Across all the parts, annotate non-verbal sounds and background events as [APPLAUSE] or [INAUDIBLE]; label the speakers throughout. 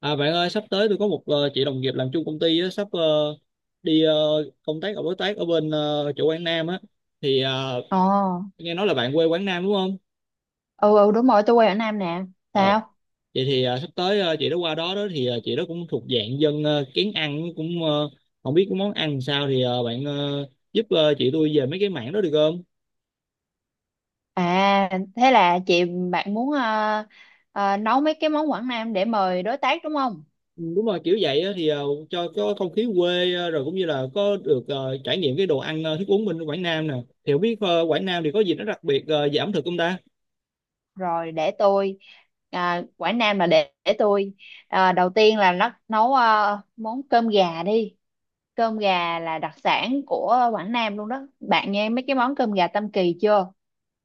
Speaker 1: À bạn ơi, sắp tới tôi có một chị đồng nghiệp làm chung công ty á, sắp đi công tác ở đối tác ở bên chỗ Quảng Nam á thì
Speaker 2: Ồ,
Speaker 1: nghe nói là bạn quê Quảng Nam đúng không?
Speaker 2: ừ ừ đúng rồi, tôi quê ở Nam nè.
Speaker 1: Ờ,
Speaker 2: Sao?
Speaker 1: vậy thì sắp tới chị đó qua đó đó thì chị đó cũng thuộc dạng dân kén ăn cũng không biết cái món ăn sao thì bạn giúp chị tôi về mấy cái mảng đó được không?
Speaker 2: À, thế là chị bạn muốn nấu mấy cái món Quảng Nam để mời đối tác đúng không?
Speaker 1: Ừ, đúng rồi kiểu vậy á, thì cho có không khí quê rồi cũng như là có được trải nghiệm cái đồ ăn thức uống bên Quảng Nam nè. Thì không biết Quảng Nam thì có gì nó đặc biệt về ẩm thực không ta?
Speaker 2: Rồi để tôi, à, Quảng Nam là để tôi, à, đầu tiên là nó nấu món cơm gà đi. Cơm gà là đặc sản của Quảng Nam luôn đó. Bạn nghe mấy cái món cơm gà Tam Kỳ chưa?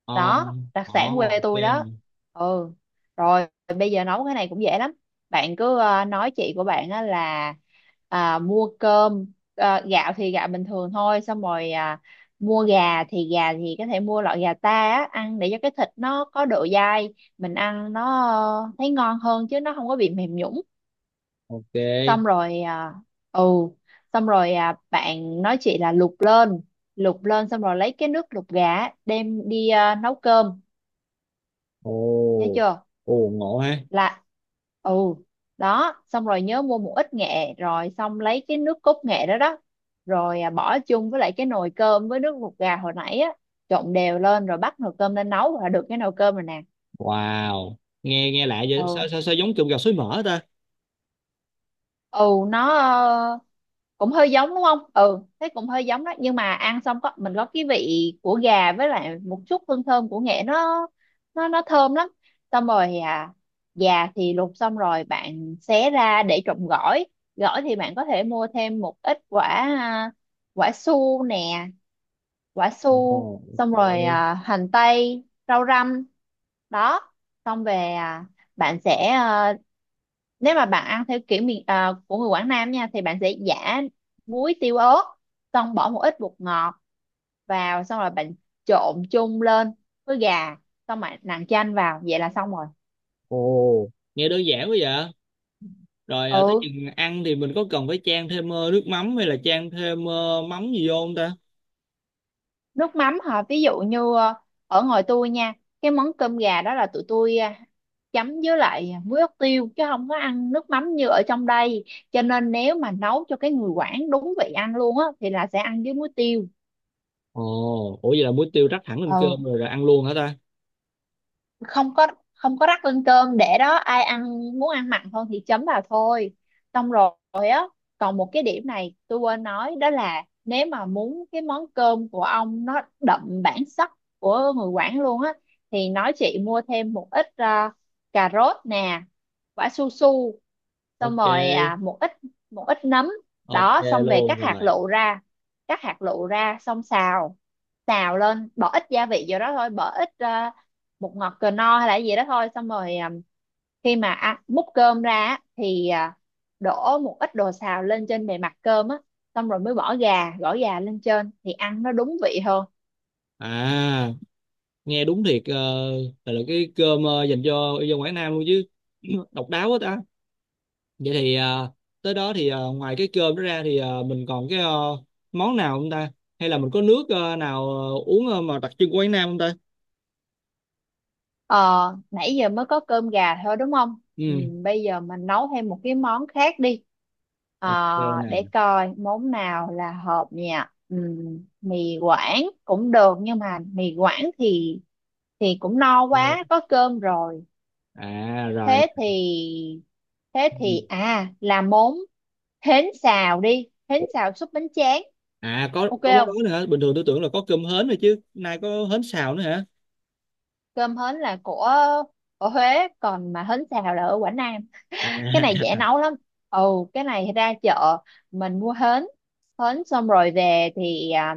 Speaker 1: Ờ,
Speaker 2: Đó, đặc
Speaker 1: ờ,
Speaker 2: sản quê
Speaker 1: ok
Speaker 2: tôi
Speaker 1: nè,
Speaker 2: đó. Ừ, rồi bây giờ nấu cái này cũng dễ lắm, bạn cứ nói chị của bạn á là, à, mua cơm, gạo thì gạo bình thường thôi. Xong rồi, à, mua gà thì có thể mua loại gà ta á, ăn để cho cái thịt nó có độ dai, mình ăn nó thấy ngon hơn chứ nó không có bị mềm nhũn.
Speaker 1: ok.
Speaker 2: Xong rồi, à, ừ xong rồi, à, bạn nói chị là luộc lên, xong rồi lấy cái nước luộc gà á, đem đi, à, nấu cơm, nhớ
Speaker 1: Ồ,
Speaker 2: chưa?
Speaker 1: ồ ngộ ha.
Speaker 2: Là ừ, đó xong rồi nhớ mua một ít nghệ, rồi xong lấy cái nước cốt nghệ đó đó, rồi, à, bỏ chung với lại cái nồi cơm với nước luộc gà hồi nãy á, trộn đều lên rồi bắt nồi cơm lên nấu là được cái nồi cơm rồi nè.
Speaker 1: Wow, nghe nghe lạ vậy,
Speaker 2: Ừ,
Speaker 1: sao sao sao giống kiểu gà suối mỡ ta?
Speaker 2: ừ, nó, cũng hơi giống đúng không? Ừ, thế cũng hơi giống đó, nhưng mà ăn xong mình có cái vị của gà với lại một chút hương thơm của nghệ, nó thơm lắm. Xong rồi à, gà thì luộc xong rồi bạn xé ra để trộn gỏi. Gỏi thì bạn có thể mua thêm một ít quả, à, quả su nè, quả
Speaker 1: Ồ,
Speaker 2: su. Xong rồi,
Speaker 1: ok.
Speaker 2: à, hành tây, rau răm. Đó, xong về, à, bạn sẽ, nếu mà bạn ăn theo kiểu miền, à, của người Quảng Nam nha thì bạn sẽ giả muối tiêu ớt, xong bỏ một ít bột ngọt vào, xong rồi bạn trộn chung lên với gà, xong bạn nặn chanh vào vậy là xong rồi.
Speaker 1: Ồ, nghe đơn giản quá vậy. Rồi à, tới chừng
Speaker 2: Ừ,
Speaker 1: ăn thì mình có cần phải chan thêm nước mắm hay là chan thêm mắm gì vô không ta?
Speaker 2: nước mắm hả? Ví dụ như ở ngoài tôi nha, cái món cơm gà đó là tụi tôi chấm với lại muối ớt tiêu chứ không có ăn nước mắm như ở trong đây, cho nên nếu mà nấu cho cái người Quảng đúng vị ăn luôn á thì là sẽ ăn với muối tiêu.
Speaker 1: Ồ, ủa vậy là muối tiêu rắc thẳng lên
Speaker 2: Ừ,
Speaker 1: cơm rồi, rồi ăn luôn hả ta?
Speaker 2: không có, không có rắc lên cơm để đó ai ăn muốn ăn mặn hơn thì chấm vào thôi. Xong rồi á, còn một cái điểm này tôi quên nói, đó là nếu mà muốn cái món cơm của ông nó đậm bản sắc của người Quảng luôn á thì nói chị mua thêm một ít, à, cà rốt nè, quả su su, xong
Speaker 1: Ok,
Speaker 2: rồi, à, một ít nấm.
Speaker 1: ok
Speaker 2: Đó xong về
Speaker 1: luôn
Speaker 2: cắt hạt
Speaker 1: rồi.
Speaker 2: lựu ra, cắt hạt lựu ra xong xào xào lên, bỏ ít gia vị vô đó thôi, bỏ ít, à, bột ngọt cờ no hay là gì đó thôi, xong rồi, à, khi mà ăn múc cơm ra á, thì, à, đổ một ít đồ xào lên trên bề mặt cơm á, xong rồi mới bỏ gà gỏi gà lên trên thì ăn nó đúng vị hơn.
Speaker 1: À, nghe đúng thiệt là cái cơm dành cho dân Quảng Nam luôn chứ [CLEARS THROAT] độc đáo quá ta. Vậy thì tới đó thì ngoài cái cơm đó ra thì mình còn cái món nào không ta, hay là mình có nước nào uống mà đặc trưng của Quảng Nam không ta?
Speaker 2: Ờ, nãy giờ mới có cơm gà thôi đúng không? Ừ,
Speaker 1: Ừ,
Speaker 2: bây giờ mình nấu thêm một cái món khác đi. Ờ,
Speaker 1: ok nè.
Speaker 2: để coi món nào là hợp nha. Ừ, mì Quảng cũng được nhưng mà mì Quảng thì cũng no quá,
Speaker 1: Ok.
Speaker 2: có cơm rồi.
Speaker 1: À rồi nè.
Speaker 2: Thế thì thế
Speaker 1: Ừ.
Speaker 2: thì à, là món hến xào đi, hến xào súp bánh tráng.
Speaker 1: À
Speaker 2: OK
Speaker 1: có món
Speaker 2: không?
Speaker 1: đó nữa hả? Bình thường tôi tưởng là có cơm hến rồi chứ nay có hến xào nữa hả?
Speaker 2: Cơm hến là của ở Huế, còn mà hến xào là ở Quảng Nam. Cái này
Speaker 1: À,
Speaker 2: dễ
Speaker 1: [LAUGHS]
Speaker 2: nấu lắm. Ừ, cái này ra chợ mình mua hến, xong rồi về thì, à,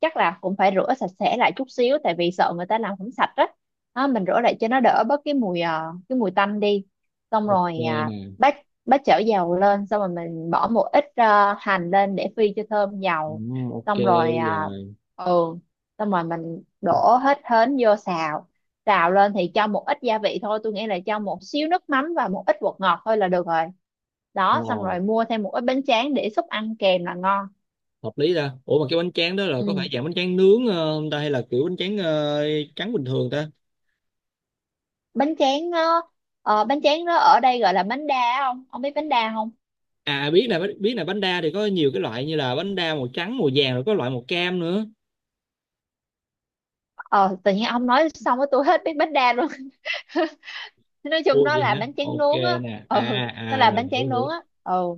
Speaker 2: chắc là cũng phải rửa sạch sẽ lại chút xíu tại vì sợ người ta làm không sạch á. Đó, mình rửa lại cho nó đỡ bớt cái mùi tanh đi, xong
Speaker 1: ok
Speaker 2: rồi, à,
Speaker 1: nè.
Speaker 2: bắt bắt chảo dầu lên, xong rồi mình bỏ một ít, à, hành lên để phi cho thơm
Speaker 1: Ừ,
Speaker 2: dầu,
Speaker 1: ok
Speaker 2: xong rồi,
Speaker 1: giờ.
Speaker 2: à, ừ xong rồi mình đổ hết hến vô xào, xào lên thì cho một ít gia vị thôi, tôi nghĩ là cho một xíu nước mắm và một ít bột ngọt thôi là được rồi. Đó xong
Speaker 1: Ồ.
Speaker 2: rồi mua thêm một ít bánh tráng để xúc ăn kèm là ngon.
Speaker 1: Hợp lý ra, ủa mà cái bánh tráng đó là có phải
Speaker 2: Ừ.
Speaker 1: dạng bánh tráng nướng không ta, hay là kiểu bánh tráng trắng bình thường ta?
Speaker 2: bánh tráng nó Bánh tráng nó ở đây gọi là bánh đa á, không ông biết bánh đa không?
Speaker 1: À biết, là bánh đa thì có nhiều cái loại như là bánh đa màu trắng, màu vàng, rồi có loại màu cam nữa.
Speaker 2: Ờ, tự nhiên ông nói xong với tôi hết biết bánh đa luôn. [LAUGHS] Thế nói chung
Speaker 1: Ồ
Speaker 2: nó
Speaker 1: vậy
Speaker 2: là
Speaker 1: hả,
Speaker 2: bánh tráng
Speaker 1: ok
Speaker 2: nướng á.
Speaker 1: nè,
Speaker 2: ừ
Speaker 1: à
Speaker 2: nó
Speaker 1: à
Speaker 2: là
Speaker 1: rồi
Speaker 2: bánh
Speaker 1: hiểu
Speaker 2: tráng nướng
Speaker 1: hiểu
Speaker 2: á. Ừ,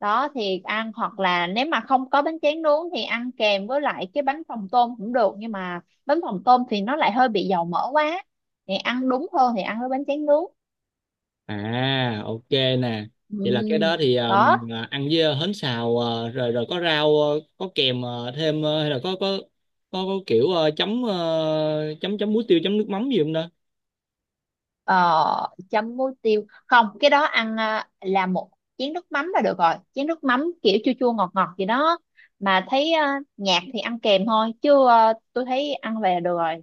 Speaker 2: đó thì ăn, hoặc là nếu mà không có bánh tráng nướng thì ăn kèm với lại cái bánh phồng tôm cũng được, nhưng mà bánh phồng tôm thì nó lại hơi bị dầu mỡ quá, thì ăn đúng hơn thì ăn với bánh tráng nướng.
Speaker 1: à ok nè,
Speaker 2: Ừ.
Speaker 1: vậy là cái đó thì
Speaker 2: Đó,
Speaker 1: mình ăn với hến xào rồi rồi có rau có kèm thêm hay là có có kiểu chấm chấm chấm muối tiêu, chấm nước mắm gì không đó?
Speaker 2: ờ, chấm muối tiêu không, cái đó ăn, à, là một chén nước mắm là được rồi, chén nước mắm kiểu chua chua ngọt ngọt gì đó, mà thấy, à, nhạt thì ăn kèm thôi chứ, à, tôi thấy ăn về là được rồi.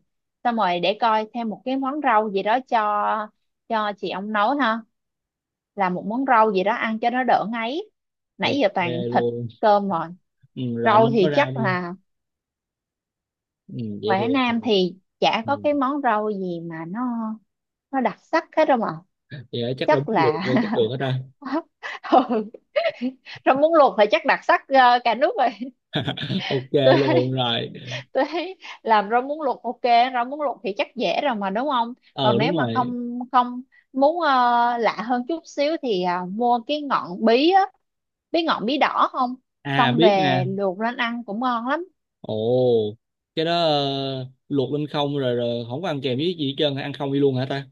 Speaker 2: Xong rồi để coi thêm một cái món rau gì đó cho chị ông nấu ha, là một món rau gì đó ăn cho nó đỡ ngấy, nãy
Speaker 1: Ok
Speaker 2: giờ toàn thịt
Speaker 1: luôn.
Speaker 2: cơm rồi.
Speaker 1: Ừ, rồi
Speaker 2: Rau
Speaker 1: nên có
Speaker 2: thì
Speaker 1: rau
Speaker 2: chắc
Speaker 1: đi.
Speaker 2: là
Speaker 1: Ừ, vậy thì
Speaker 2: Quảng Nam thì chả
Speaker 1: ừ.
Speaker 2: có cái món rau gì mà nó đặc sắc hết đâu mà.
Speaker 1: Vậy là chắc là bún
Speaker 2: Chắc
Speaker 1: luộc
Speaker 2: là
Speaker 1: rồi, chắc được hết rồi.
Speaker 2: [LAUGHS] ừ. Rau muống luộc thì chắc đặc sắc cả nước rồi.
Speaker 1: [LAUGHS] Ok
Speaker 2: [LAUGHS] tôi
Speaker 1: luôn
Speaker 2: thấy
Speaker 1: rồi.
Speaker 2: tôi thấy làm rau muống luộc OK. Rau muống luộc thì chắc dễ rồi mà đúng không? Còn
Speaker 1: Ờ
Speaker 2: nếu
Speaker 1: đúng
Speaker 2: mà
Speaker 1: rồi.
Speaker 2: không không muốn lạ hơn chút xíu thì, à, mua cái ngọn bí á, biết ngọn bí đỏ không?
Speaker 1: À
Speaker 2: Xong
Speaker 1: biết
Speaker 2: về
Speaker 1: nè.
Speaker 2: luộc lên ăn cũng ngon lắm.
Speaker 1: Ồ, cái đó luộc lên không rồi rồi không có ăn kèm với gì hết trơn, ăn không đi luôn hả ta?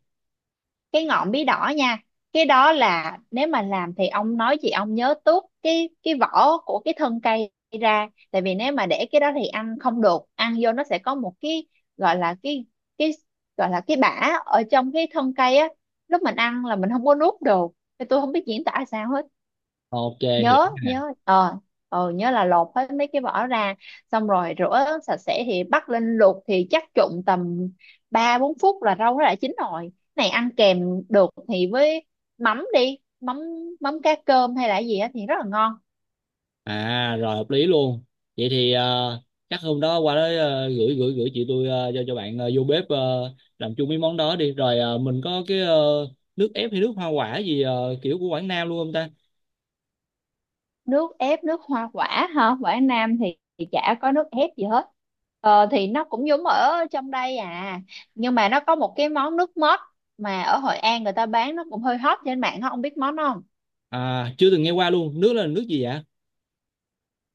Speaker 2: Cái ngọn bí đỏ nha, cái đó là nếu mà làm thì ông nói chị ông nhớ tuốt cái vỏ của cái thân cây ra, tại vì nếu mà để cái đó thì ăn không được, ăn vô nó sẽ có một cái gọi là cái gọi là cái bã ở trong cái thân cây á, lúc mình ăn là mình không có nuốt được, thì tôi không biết diễn tả sao hết.
Speaker 1: Ok hiểu
Speaker 2: Nhớ
Speaker 1: nè.
Speaker 2: nhớ ờ ờ Nhớ là lột hết mấy cái vỏ ra, xong rồi rửa sạch sẽ thì bắt lên luộc thì chắc trụng tầm 3-4 phút là rau nó đã chín rồi, này ăn kèm được thì với mắm đi, mắm mắm cá cơm hay là gì á thì rất là ngon.
Speaker 1: À rồi hợp lý luôn. Vậy thì chắc hôm đó qua đó gửi gửi gửi chị tôi cho bạn vô bếp làm chung mấy món đó đi, rồi mình có cái nước ép hay nước hoa quả gì kiểu của Quảng Nam luôn không ta?
Speaker 2: Nước ép nước hoa quả hả? Quả Nam thì, chả có nước ép gì hết. Thì nó cũng giống ở trong đây à, nhưng mà nó có một cái món nước mót mà ở Hội An người ta bán nó cũng hơi hot trên mạng á, ông biết món đó không?
Speaker 1: À chưa từng nghe qua luôn, nước là nước gì vậy?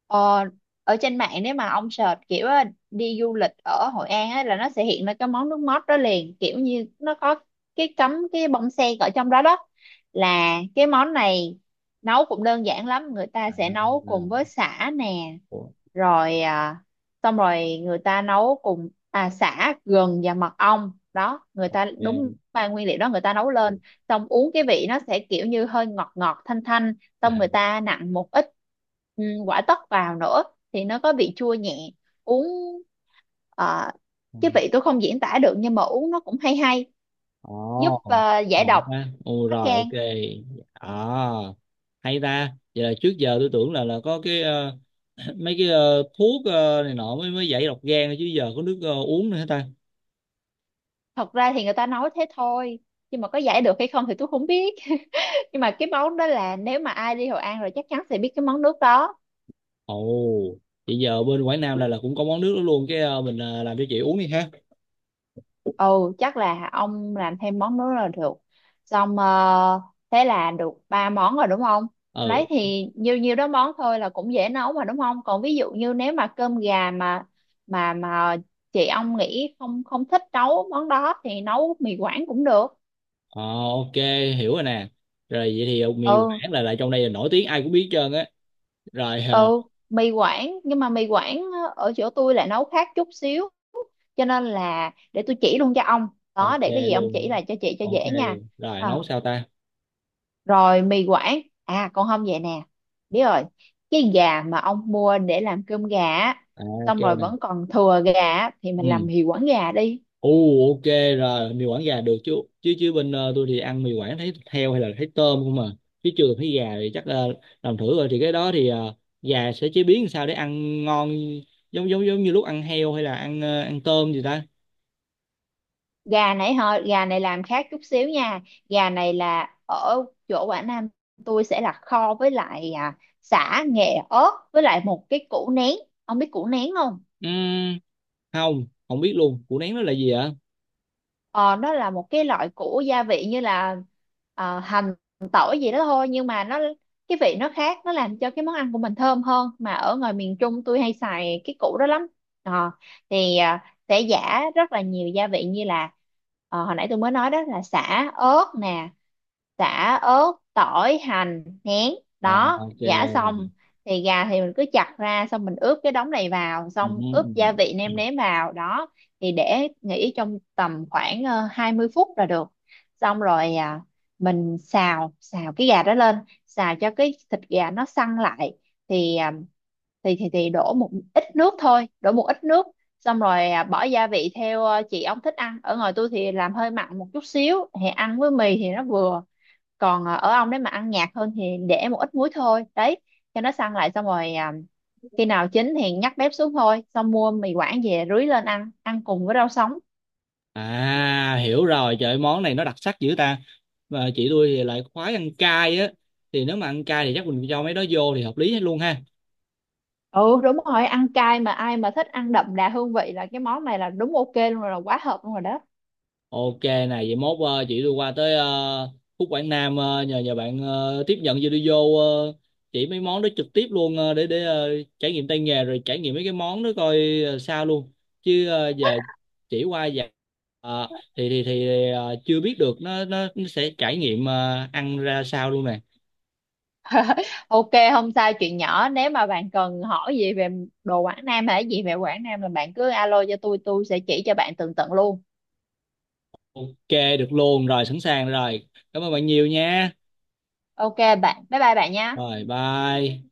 Speaker 2: Ờ, ở trên mạng nếu mà ông search kiểu á, đi du lịch ở Hội An á, là nó sẽ hiện ra cái món nước mót đó liền, kiểu như nó có cái cắm cái bông sen ở trong đó. Đó là cái món này, nấu cũng đơn giản lắm, người ta
Speaker 1: À, à,
Speaker 2: sẽ nấu cùng với sả nè,
Speaker 1: ủa,
Speaker 2: rồi à, xong rồi người ta nấu cùng à sả gừng và mật ong đó, người ta đúng
Speaker 1: nghe
Speaker 2: ba nguyên liệu đó người ta nấu lên, xong uống cái vị nó sẽ kiểu như hơi ngọt ngọt thanh thanh,
Speaker 1: à,
Speaker 2: xong người ta nặn một ít, ừ, quả tắc vào nữa thì nó có vị chua nhẹ, uống, ờ, cái
Speaker 1: không.
Speaker 2: vị tôi không diễn tả được nhưng mà uống nó cũng hay hay, giúp
Speaker 1: Ồ
Speaker 2: giải
Speaker 1: ngộ
Speaker 2: độc
Speaker 1: ta, ừ
Speaker 2: mắc
Speaker 1: rồi ok.
Speaker 2: gan.
Speaker 1: À hay ta, vậy là trước giờ tôi tưởng là có cái [CLEARS THROAT] mấy cái thuốc này nọ mới mới giải độc gan, chứ giờ có nước uống nữa hả ta?
Speaker 2: Thật ra thì người ta nói thế thôi, nhưng mà có giải được hay không thì tôi không biết, nhưng mà cái món đó là nếu mà ai đi Hội An rồi chắc chắn sẽ biết cái món nước đó.
Speaker 1: Ồ vậy giờ bên Quảng Nam là cũng có món nước đó luôn, cái mình làm cho chị uống đi ha.
Speaker 2: Ừ, chắc là ông làm thêm món nước là được, xong thế là được ba món rồi đúng không? Đấy
Speaker 1: Ừ.
Speaker 2: thì nhiêu nhiêu đó món thôi là cũng dễ nấu mà đúng không, còn ví dụ như nếu mà cơm gà mà chị ông nghĩ không không thích nấu món đó thì nấu mì Quảng cũng được.
Speaker 1: Ờ, ok hiểu rồi nè. Rồi vậy thì mì
Speaker 2: Ừ,
Speaker 1: Quảng là trong đây là nổi tiếng, ai cũng biết hết trơn á. Rồi
Speaker 2: ừ mì Quảng, nhưng mà mì Quảng ở chỗ tôi lại nấu khác chút xíu, cho nên là để tôi chỉ luôn cho ông. Đó
Speaker 1: ok
Speaker 2: để cái gì ông chỉ
Speaker 1: luôn.
Speaker 2: là cho chị cho
Speaker 1: Ok.
Speaker 2: dễ nha.
Speaker 1: Rồi
Speaker 2: Ờ,
Speaker 1: nấu sao ta?
Speaker 2: rồi mì Quảng à, còn không vậy nè, biết rồi, cái gà mà ông mua để làm cơm gà á,
Speaker 1: À ok
Speaker 2: xong rồi
Speaker 1: này.
Speaker 2: vẫn còn thừa gà á, thì mình làm
Speaker 1: Ừ,
Speaker 2: mì Quảng gà đi.
Speaker 1: u, ok rồi. Mì quảng gà được chứ? Chứ bên tôi thì ăn mì quảng thấy heo hay là thấy tôm không mà, chứ chưa được thấy gà, thì chắc làm thử rồi thì cái đó thì gà sẽ chế biến sao để ăn ngon, giống giống giống như lúc ăn heo hay là ăn ăn tôm gì ta?
Speaker 2: Gà nãy hơi Gà này làm khác chút xíu nha, gà này là ở chỗ Quảng Nam, tôi sẽ là kho với lại, à, sả nghệ ớt với lại một cái củ nén, ông biết củ nén không?
Speaker 1: Ừm, không không biết luôn, củ nén nó là gì ạ?
Speaker 2: Ờ, nó là một cái loại củ gia vị như là, hành tỏi gì đó thôi, nhưng mà nó cái vị nó khác, nó làm cho cái món ăn của mình thơm hơn, mà ở ngoài miền Trung tôi hay xài cái củ đó lắm. Ờ, thì, sẽ giả rất là nhiều gia vị như là, hồi nãy tôi mới nói đó là sả ớt nè, sả ớt tỏi hành nén.
Speaker 1: Ờ
Speaker 2: Đó
Speaker 1: ok
Speaker 2: giã xong,
Speaker 1: rồi.
Speaker 2: thì gà thì mình cứ chặt ra, xong mình ướp cái đống này vào, xong ướp gia
Speaker 1: Ừm.
Speaker 2: vị nêm nếm vào đó, thì để nghỉ trong tầm khoảng 20 phút là được. Xong rồi, à, mình xào xào cái gà đó lên, xào cho cái thịt gà nó săn lại thì, à, thì thì đổ một ít nước thôi, đổ một ít nước, xong rồi, à, bỏ gia vị theo, chị ông thích ăn, ở ngoài tôi thì làm hơi mặn một chút xíu thì ăn với mì thì nó vừa, còn, à, ở ông đấy mà ăn nhạt hơn thì để một ít muối thôi đấy, cho nó săn lại xong rồi, à, khi nào chín thì nhắc bếp xuống thôi, xong mua mì Quảng về rưới lên ăn, ăn cùng với rau sống.
Speaker 1: À hiểu rồi, trời ơi, món này nó đặc sắc dữ ta. Mà chị tôi thì lại khoái ăn cay á, thì nếu mà ăn cay thì chắc mình cho mấy đó vô thì hợp lý hết luôn ha.
Speaker 2: Ừ đúng rồi, ăn cay mà ai mà thích ăn đậm đà hương vị là cái món này là đúng OK luôn rồi, là quá hợp luôn rồi đó.
Speaker 1: Ok này, vậy mốt chị tôi qua tới Phúc Quảng Nam, nhờ nhờ bạn tiếp nhận chị tôi vô, chỉ mấy món đó trực tiếp luôn, để trải nghiệm tay nghề rồi trải nghiệm mấy cái món đó coi sao luôn. Chứ giờ chỉ qua vậy, ờ, thì chưa biết được nó nó sẽ trải nghiệm ăn ra sao luôn nè.
Speaker 2: OK không sai, chuyện nhỏ, nếu mà bạn cần hỏi gì về đồ Quảng Nam hay gì về Quảng Nam là bạn cứ alo cho tôi sẽ chỉ cho bạn tường tận luôn.
Speaker 1: Ok được luôn rồi, sẵn sàng rồi. Cảm ơn bạn nhiều nha.
Speaker 2: OK bạn, bye bye bạn nha.
Speaker 1: Rồi bye.